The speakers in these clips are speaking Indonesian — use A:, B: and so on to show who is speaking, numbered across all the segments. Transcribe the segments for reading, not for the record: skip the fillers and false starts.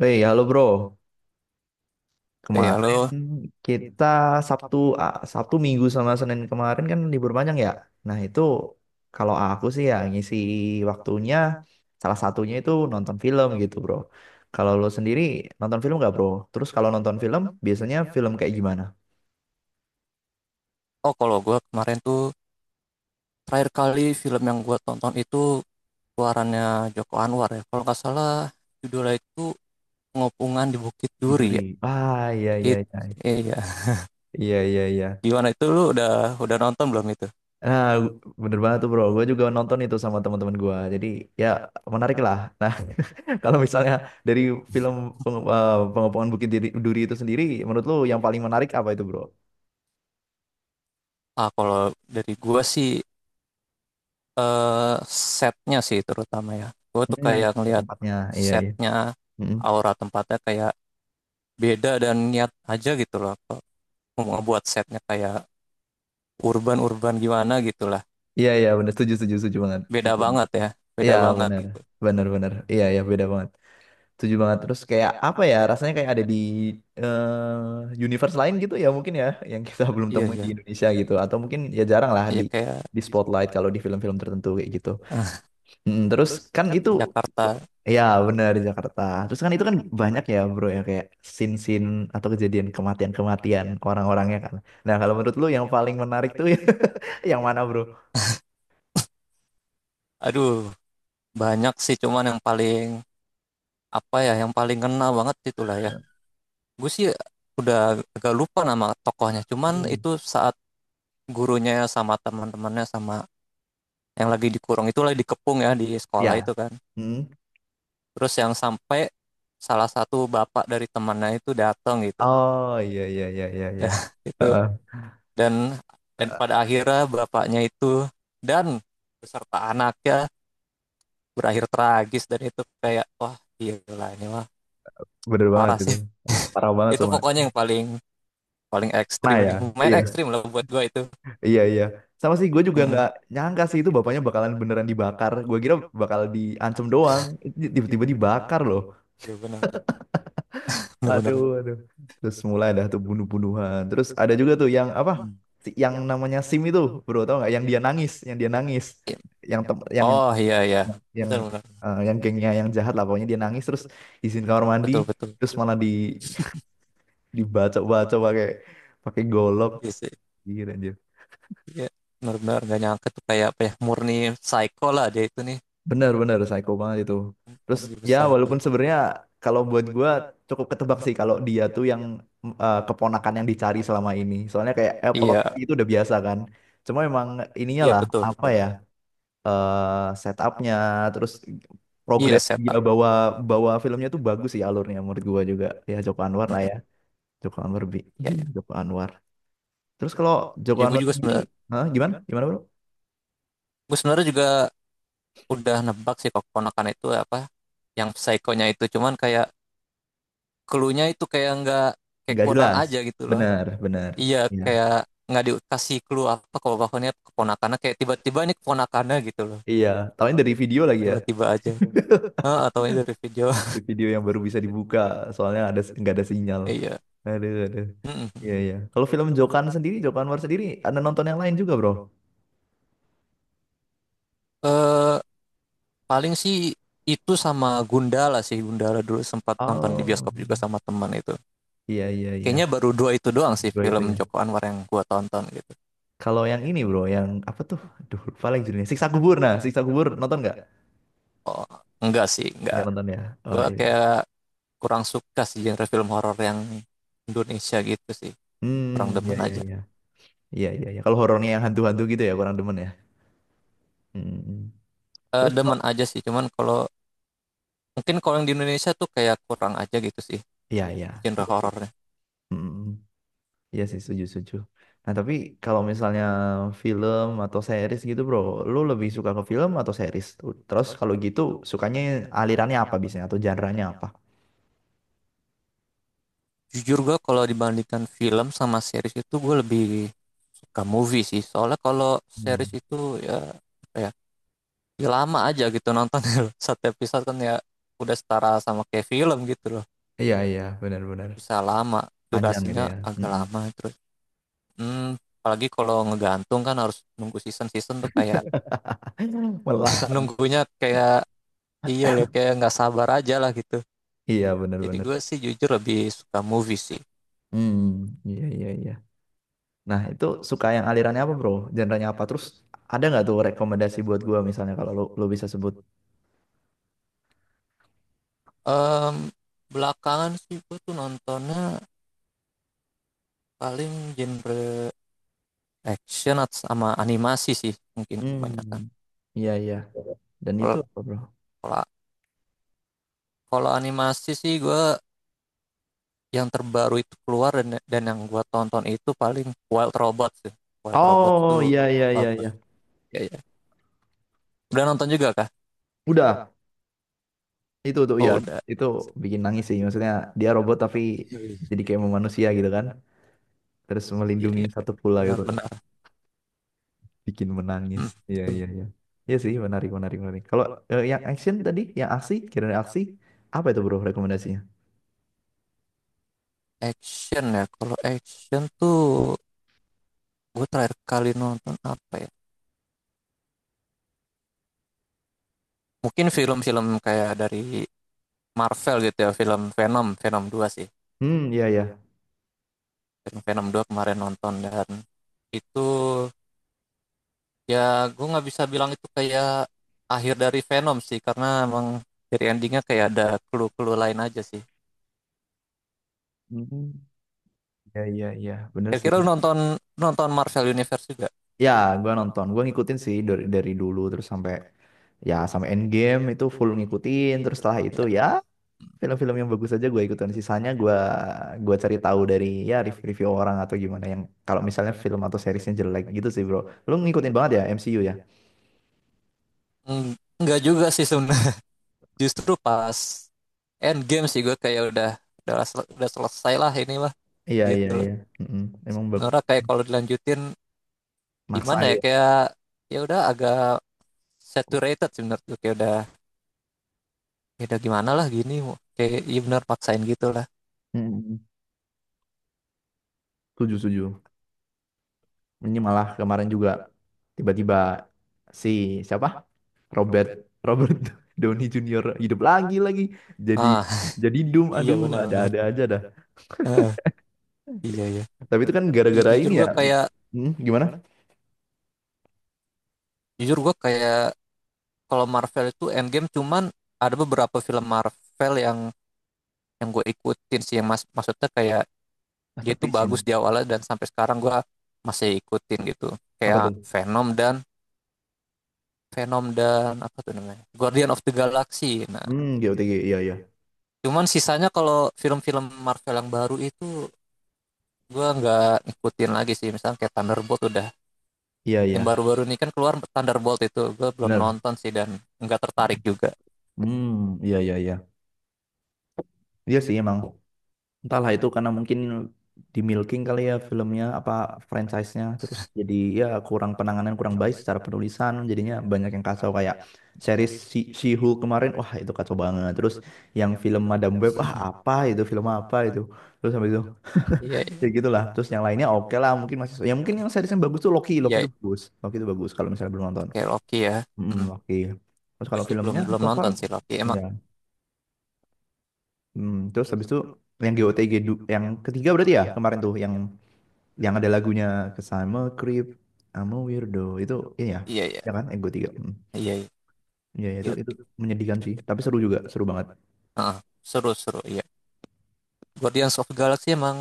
A: Woi, halo bro.
B: Eh,
A: Kemarin
B: halo.
A: kita Sabtu Sabtu Minggu sama Senin kemarin kan libur panjang ya. Nah, itu kalau aku sih ya ngisi waktunya salah satunya itu nonton film gitu, bro. Kalau lo sendiri nonton film nggak, bro? Terus kalau nonton film biasanya film kayak gimana?
B: Oh, kalau gue kemarin tuh terakhir kali film yang gue tonton itu keluarannya Joko Anwar ya. Kalau nggak salah judulnya itu Pengopungan di Bukit
A: Gitu, Ri.
B: Duri ya.
A: Ah, iya iya
B: Itu
A: iya.
B: sih, iya.
A: Iya iya iya.
B: Gimana itu, lu udah nonton belum itu?
A: Nah, bener banget tuh, bro. Gue juga nonton itu sama teman-teman gue. Jadi ya menarik lah. Nah, kalau misalnya dari film Pengepungan Bukit Duri, Duri itu sendiri, menurut lu yang paling menarik apa itu, bro?
B: Ah, kalau dari gue sih eh, setnya sih terutama ya. Gue tuh
A: Hmm.
B: kayak ngelihat
A: Tempatnya, iya iya.
B: setnya,
A: Mm-mm.
B: aura tempatnya kayak beda dan niat aja gitu loh. Mau ngebuat setnya kayak urban-urban gimana gitu lah.
A: Iya iya benar, setuju setuju setuju banget.
B: Beda
A: Setuju banget.
B: banget ya. Beda
A: Iya
B: banget
A: benar,
B: gitu.
A: benar benar. Iya iya beda banget. Setuju banget. Terus kayak apa ya? Rasanya kayak ada di universe lain gitu ya mungkin ya, yang kita belum
B: Iya,
A: temui
B: iya.
A: di Indonesia gitu. Atau mungkin ya jarang lah
B: Iya
A: di
B: kayak
A: di spotlight kalau di film-film tertentu kayak gitu.
B: eh,
A: Mm, terus kan kan itu
B: Jakarta.
A: ya benar di Jakarta. Terus kan itu kan banyak ya bro ya kayak sin sin atau kejadian kematian-kematian orang-orangnya kan. Nah kalau menurut lu yang paling menarik tuh yang mana bro?
B: Aduh, banyak sih, cuman yang paling apa ya, yang paling kena banget itulah ya. Gue sih udah agak lupa nama tokohnya. Cuman
A: Hmm,
B: itu saat gurunya sama teman-temannya sama yang lagi dikurung, itu lagi dikepung ya di sekolah
A: ya.
B: itu kan.
A: Hmm.
B: Terus yang sampai salah satu bapak dari temannya itu datang gitu.
A: Oh iya iya iya iya iya.
B: Dah itu
A: Heeh,
B: dan dan pada akhirnya bapaknya itu dan beserta anaknya berakhir tragis, dan itu kayak wah gila ini mah
A: bener banget
B: parah
A: itu.
B: sih.
A: Parah banget
B: Itu
A: semua.
B: pokoknya yang paling paling
A: Nah
B: ekstrim,
A: ya,
B: main
A: iya iya,
B: ekstrim lah buat gua itu.
A: iya iya. Sama sih gue juga
B: Mm-mm.
A: nggak nyangka sih itu bapaknya bakalan beneran dibakar. Gue kira bakal diancam doang. Tiba-tiba dibakar loh.
B: Iya, benar benar benar.
A: Aduh, aduh. Terus mulai dah tuh bunuh-bunuhan. Terus ada juga tuh yang apa?
B: Hmm.
A: Yang namanya Sim itu, bro, tau nggak? Yang dia nangis, yang dia nangis, yang tem
B: Oh iya, iya,
A: yang
B: benar benar,
A: eh, yang gengnya yang jahat lah, pokoknya dia nangis terus izin kamar mandi,
B: betul betul.
A: terus malah di dibaca-baca pakai pakai golok,
B: Iya sih,
A: gitu.
B: iya, benar benar, nggak nyangka tuh, kayak apa ya, murni psycho lah dia itu nih.
A: Bener-bener psycho banget itu. Terus
B: Murni
A: ya walaupun
B: psycho.
A: sebenarnya kalau buat gua cukup ketebak sih kalau dia tuh yang keponakan yang dicari selama ini. Soalnya kayak plot
B: Iya
A: itu udah biasa kan. Cuma emang ininya
B: iya,
A: lah
B: betul
A: apa
B: betul.
A: ya setupnya terus
B: Iya,
A: progres dia
B: setup.
A: bawa bawa filmnya tuh bagus sih alurnya menurut gua juga. Ya Joko Anwar lah ya. Joko Anwar bi,
B: Iya
A: bi
B: iya,
A: Joko Anwar. Terus kalau Joko
B: ya gua
A: Anwar
B: juga
A: sendiri,
B: sebenarnya,
A: hah, gimana? Gimana bro?
B: gua sebenarnya juga udah nebak sih kok keponakan itu, apa yang psikonya itu, cuman kayak clue-nya itu kayak nggak, kayak
A: Nggak
B: kurang
A: jelas.
B: aja gitu loh.
A: Bener, bener.
B: Iya,
A: Iya.
B: kayak nggak dikasih clue apa, kalau bahkannya keponakannya kayak tiba-tiba ini keponakannya gitu loh.
A: Iya, tahunya dari video lagi ya.
B: Tiba-tiba aja. Heeh, atau ini dari video.
A: Di video yang baru bisa dibuka soalnya ada nggak ada sinyal.
B: Iya.
A: Aduh aduh. Iya
B: Mm-mm.
A: iya, kalau film Jokan sendiri Joko Anwar sendiri ada nonton yang lain juga bro?
B: eh paling sih itu sama Gundala sih, Gundala dulu sempat nonton di
A: Oh
B: bioskop juga sama teman itu.
A: iya iya iya,
B: Kayaknya baru dua itu doang sih
A: bro itu
B: film
A: ya.
B: Joko Anwar yang gua tonton gitu.
A: Kalau yang ini bro yang apa tuh aduh lupa lagi judulnya Siksa Kubur, nah Siksa Kubur nonton nggak?
B: Oh enggak sih, enggak.
A: Nggak nonton ya. Oh
B: Gua
A: iya.
B: kayak kurang suka sih genre film horor yang Indonesia gitu sih.
A: Hmm,
B: Kurang
A: iya
B: demen
A: iya
B: aja.
A: iya. Iya iya iya. Kalau horornya yang hantu-hantu gitu ya kurang demen ya. Hmm. Hmm, hmm. Terus kalau
B: Demen aja sih cuman kalau mungkin kalau yang di Indonesia tuh kayak kurang aja gitu sih
A: iya iya.
B: genre
A: Iya sih.
B: horornya.
A: Mm. Iya sih, setuju, setuju. Nah, tapi kalau misalnya film atau series gitu, bro, lu lebih suka ke film atau series? Terus kalau gitu, sukanya alirannya apa biasanya atau genre-nya apa?
B: Jujur gue kalau dibandingkan film sama series, itu gue lebih suka movie sih, soalnya kalau series
A: Hmm.
B: itu ya apa ya, ya lama aja gitu nonton. Satu episode kan ya udah setara sama kayak film gitu loh,
A: Iya, iya, benar-benar.
B: bisa lama
A: Panjang gitu
B: durasinya,
A: ya.
B: agak
A: Mm-mm.
B: lama. Terus hmm, apalagi kalau ngegantung kan harus nunggu season season tuh kayak
A: Melak, kan?
B: nunggunya kayak, iya loh, kayak nggak sabar aja lah gitu.
A: Iya,
B: Jadi
A: benar-benar.
B: gue sih jujur lebih suka movie sih.
A: Hmm, iya, iya, iya. Nah, itu suka yang alirannya apa, bro? Genre-nya apa? Terus ada nggak tuh rekomendasi buat gua misalnya kalau lu bisa sebut?
B: Em, Belakangan sih gue tuh nontonnya paling genre action atau sama animasi sih mungkin kebanyakan.
A: Hmm. Iya, iya. Dan itu
B: Kalau
A: apa, bro?
B: kalau kalau animasi sih gue yang terbaru itu keluar dan yang gue tonton itu paling Wild Robot sih. Wild Robot
A: Oh,
B: tuh
A: iya, iya, iya,
B: bagus.
A: iya.
B: Ya ya. Udah nonton juga kah?
A: Udah. Itu tuh ya,
B: Oh udah.
A: itu bikin nangis sih. Maksudnya dia robot tapi
B: Iya
A: jadi kayak mau manusia gitu kan. Terus
B: iya.
A: melindungi satu pula gitu.
B: Benar-benar.
A: Bikin menangis.
B: Hmm.
A: Iya, iya, iya. Iya sih, menarik, menarik, menarik. Kalau yang action tadi, yang aksi, kira-kira aksi, apa itu bro rekomendasinya?
B: Action ya. Kalau action tuh gue terakhir kali nonton apa ya? Mungkin film-film kayak dari Marvel gitu ya, film Venom, Venom dua sih.
A: Hmm, iya, iya.
B: Film Venom dua kemarin nonton, dan itu ya gue nggak bisa bilang itu kayak akhir dari Venom sih, karena emang dari endingnya kayak ada clue-clue lain aja sih.
A: Hmm, iya, iya, iya. Bener sih.
B: Kira-kira lu nonton nonton Marvel Universe juga?
A: Ya, gua nonton. Gua ngikutin sih dari dulu terus sampai ya sampai end game itu full ngikutin terus setelah itu ya film-film yang bagus aja gue ikutin sisanya gue cari tahu dari ya review-review orang atau gimana yang kalau misalnya film atau seriesnya jelek gitu sih bro lu ngikutin banget ya MCU ya.
B: Eng- nggak juga sih sebenarnya. Justru pas Endgame sih gue kayak udah, udah selesai lah ini mah,
A: Iya iya
B: gitu loh.
A: iya. Mm-mm. Emang bak-
B: Nora kayak kalau dilanjutin
A: maksa
B: gimana ya,
A: ya.
B: kayak ya udah agak saturated sih menurut, kayak udah, ya udah gimana lah gini, kayak iya benar paksain gitulah.
A: Mm-mm. Setuju setuju. Ini malah kemarin juga tiba-tiba si siapa Robert Robert Downey Junior hidup lagi jadi
B: Ah
A: jadi Doom
B: iya
A: aduh
B: benar benar.
A: ada-ada aja dah.
B: Heeh, iya iya.
A: Tapi itu kan
B: Iya,
A: gara-gara
B: jujur
A: ini
B: gue
A: ya.
B: kayak,
A: Hmm, gimana?
B: jujur gue kayak kalau Marvel itu Endgame, cuman ada beberapa film Marvel yang gue ikutin sih, yang mas maksudnya kayak dia tuh
A: Masterpiece gitu.
B: bagus di awalnya dan sampai sekarang gue masih ikutin gitu.
A: Apa
B: Kayak
A: tuh
B: Venom dan Venom dan apa tuh namanya, Guardian of the Galaxy, nah,
A: hmm GOTG iya iya.
B: cuman sisanya kalau film-film Marvel yang baru itu gue nggak ngikutin lagi sih, misalnya kayak Thunderbolt. Udah,
A: Iya iya
B: yang baru-baru ini kan keluar Thunderbolt itu gue belum
A: benar.
B: nonton sih, dan nggak tertarik juga.
A: Hmm iya iya iya. Iya sih emang. Entahlah itu karena mungkin di milking kali ya filmnya apa franchise-nya terus jadi ya kurang penanganan kurang baik secara penulisan jadinya banyak yang kacau kayak series si She-Hulk kemarin, wah itu kacau banget. Terus yang film Madam Web ah apa itu film apa itu terus sampai itu
B: Iya
A: ya gitulah. Terus yang lainnya oke lah mungkin masih ya mungkin yang series yang bagus tuh Loki.
B: iya,
A: Loki itu bagus kalau misalnya belum
B: oke,
A: nonton.
B: okay, Loki ya.
A: Mm,
B: Mm.
A: Loki. Terus
B: Gue
A: kalau
B: sih belum,
A: filmnya
B: belum
A: so far
B: nonton sih Loki emang.
A: ya. Hmm, terus habis itu yang GOTG du- yang ketiga berarti ya kemarin tuh yang ada lagunya Kesama Creep sama Weirdo itu ini ya
B: Iya iya
A: ya kan yang GOTG hmm.
B: iya, iya
A: Iya iya,
B: iya
A: itu menyedihkan sih
B: iya.
A: tapi seru juga seru banget.
B: Ah, seru seru, iya. Guardians of the Galaxy emang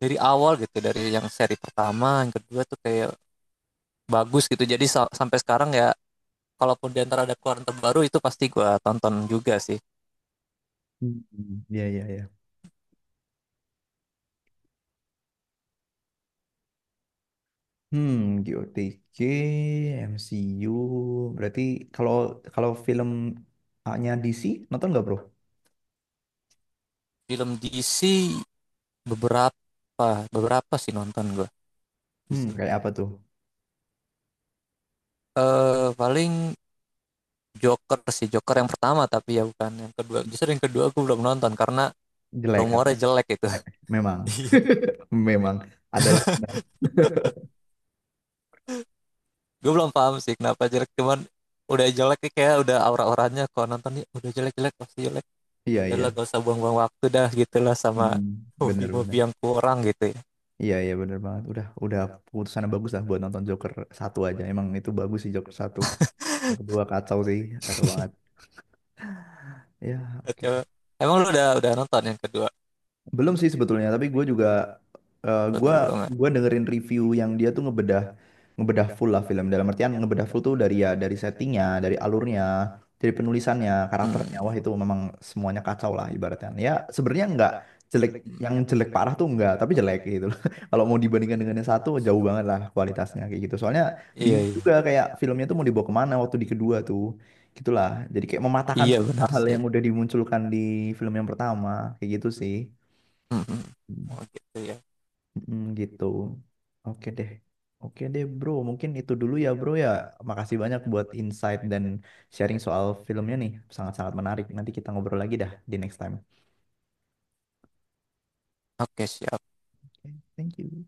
B: dari awal gitu, dari yang seri pertama yang kedua tuh kayak bagus gitu, jadi sampai sekarang ya kalaupun di antara ada keluaran terbaru itu pasti gue tonton juga sih.
A: Hmm, iya iya iya, hmm GOTG MCU berarti. Kalau Kalau filmnya DC nonton nggak bro?
B: Film DC? Beberapa, beberapa sih nonton gue.
A: Hmm
B: DC
A: kayak apa tuh
B: paling Joker sih, Joker yang pertama. Tapi ya bukan yang kedua, justru yang kedua gue belum nonton karena
A: jelek apa.
B: rumornya jelek itu.
A: Eh, memang
B: Iya.
A: memang adalah benar.
B: Gue belum paham sih kenapa jelek, cuman udah jelek, kayak udah aura-auranya kalau nonton ya udah jelek-jelek pasti jelek.
A: Iya iya.
B: Udah gak usah buang-buang waktu dah gitulah sama
A: Hmm, benar benar.
B: movie-movie yang kurang gitu ya.
A: Iya iya bener banget. Udah keputusan yang bagus lah buat nonton Joker satu aja. Emang itu bagus sih Joker satu. Joker dua kacau sih, kacau banget. Ya, oke.
B: Emang lu udah nonton yang kedua?
A: Belum sih sebetulnya, tapi gue juga eh, gue
B: Betul, belum ya?
A: gue dengerin review yang dia tuh ngebedah ngebedah full lah film. Dalam artian ngebedah full tuh dari ya dari settingnya, dari alurnya, dari penulisannya, karakternya.
B: Hmm.
A: Wah itu memang semuanya kacau lah ibaratnya. Ya sebenarnya nggak jelek, yang
B: Hmm.
A: jelek parah tuh nggak, tapi jelek gitu loh. Kalau mau dibandingkan dengan yang satu jauh banget lah kualitasnya kayak gitu. Soalnya
B: Iya,
A: bingung
B: iya.
A: juga kayak filmnya tuh mau dibawa kemana waktu di kedua tuh. Gitulah. Jadi kayak mematahkan
B: Iya
A: semua
B: benar
A: hal
B: sih.
A: yang udah dimunculkan di film yang pertama kayak gitu sih.
B: Hmm. Hmm. Oh gitu ya.
A: Mm, gitu. Oke deh. Oke deh, bro. Mungkin itu dulu ya, bro ya. Makasih banyak buat insight dan sharing soal filmnya nih. Sangat-sangat menarik. Nanti kita ngobrol lagi dah di next time.
B: Oke, siap.
A: Oke, thank you.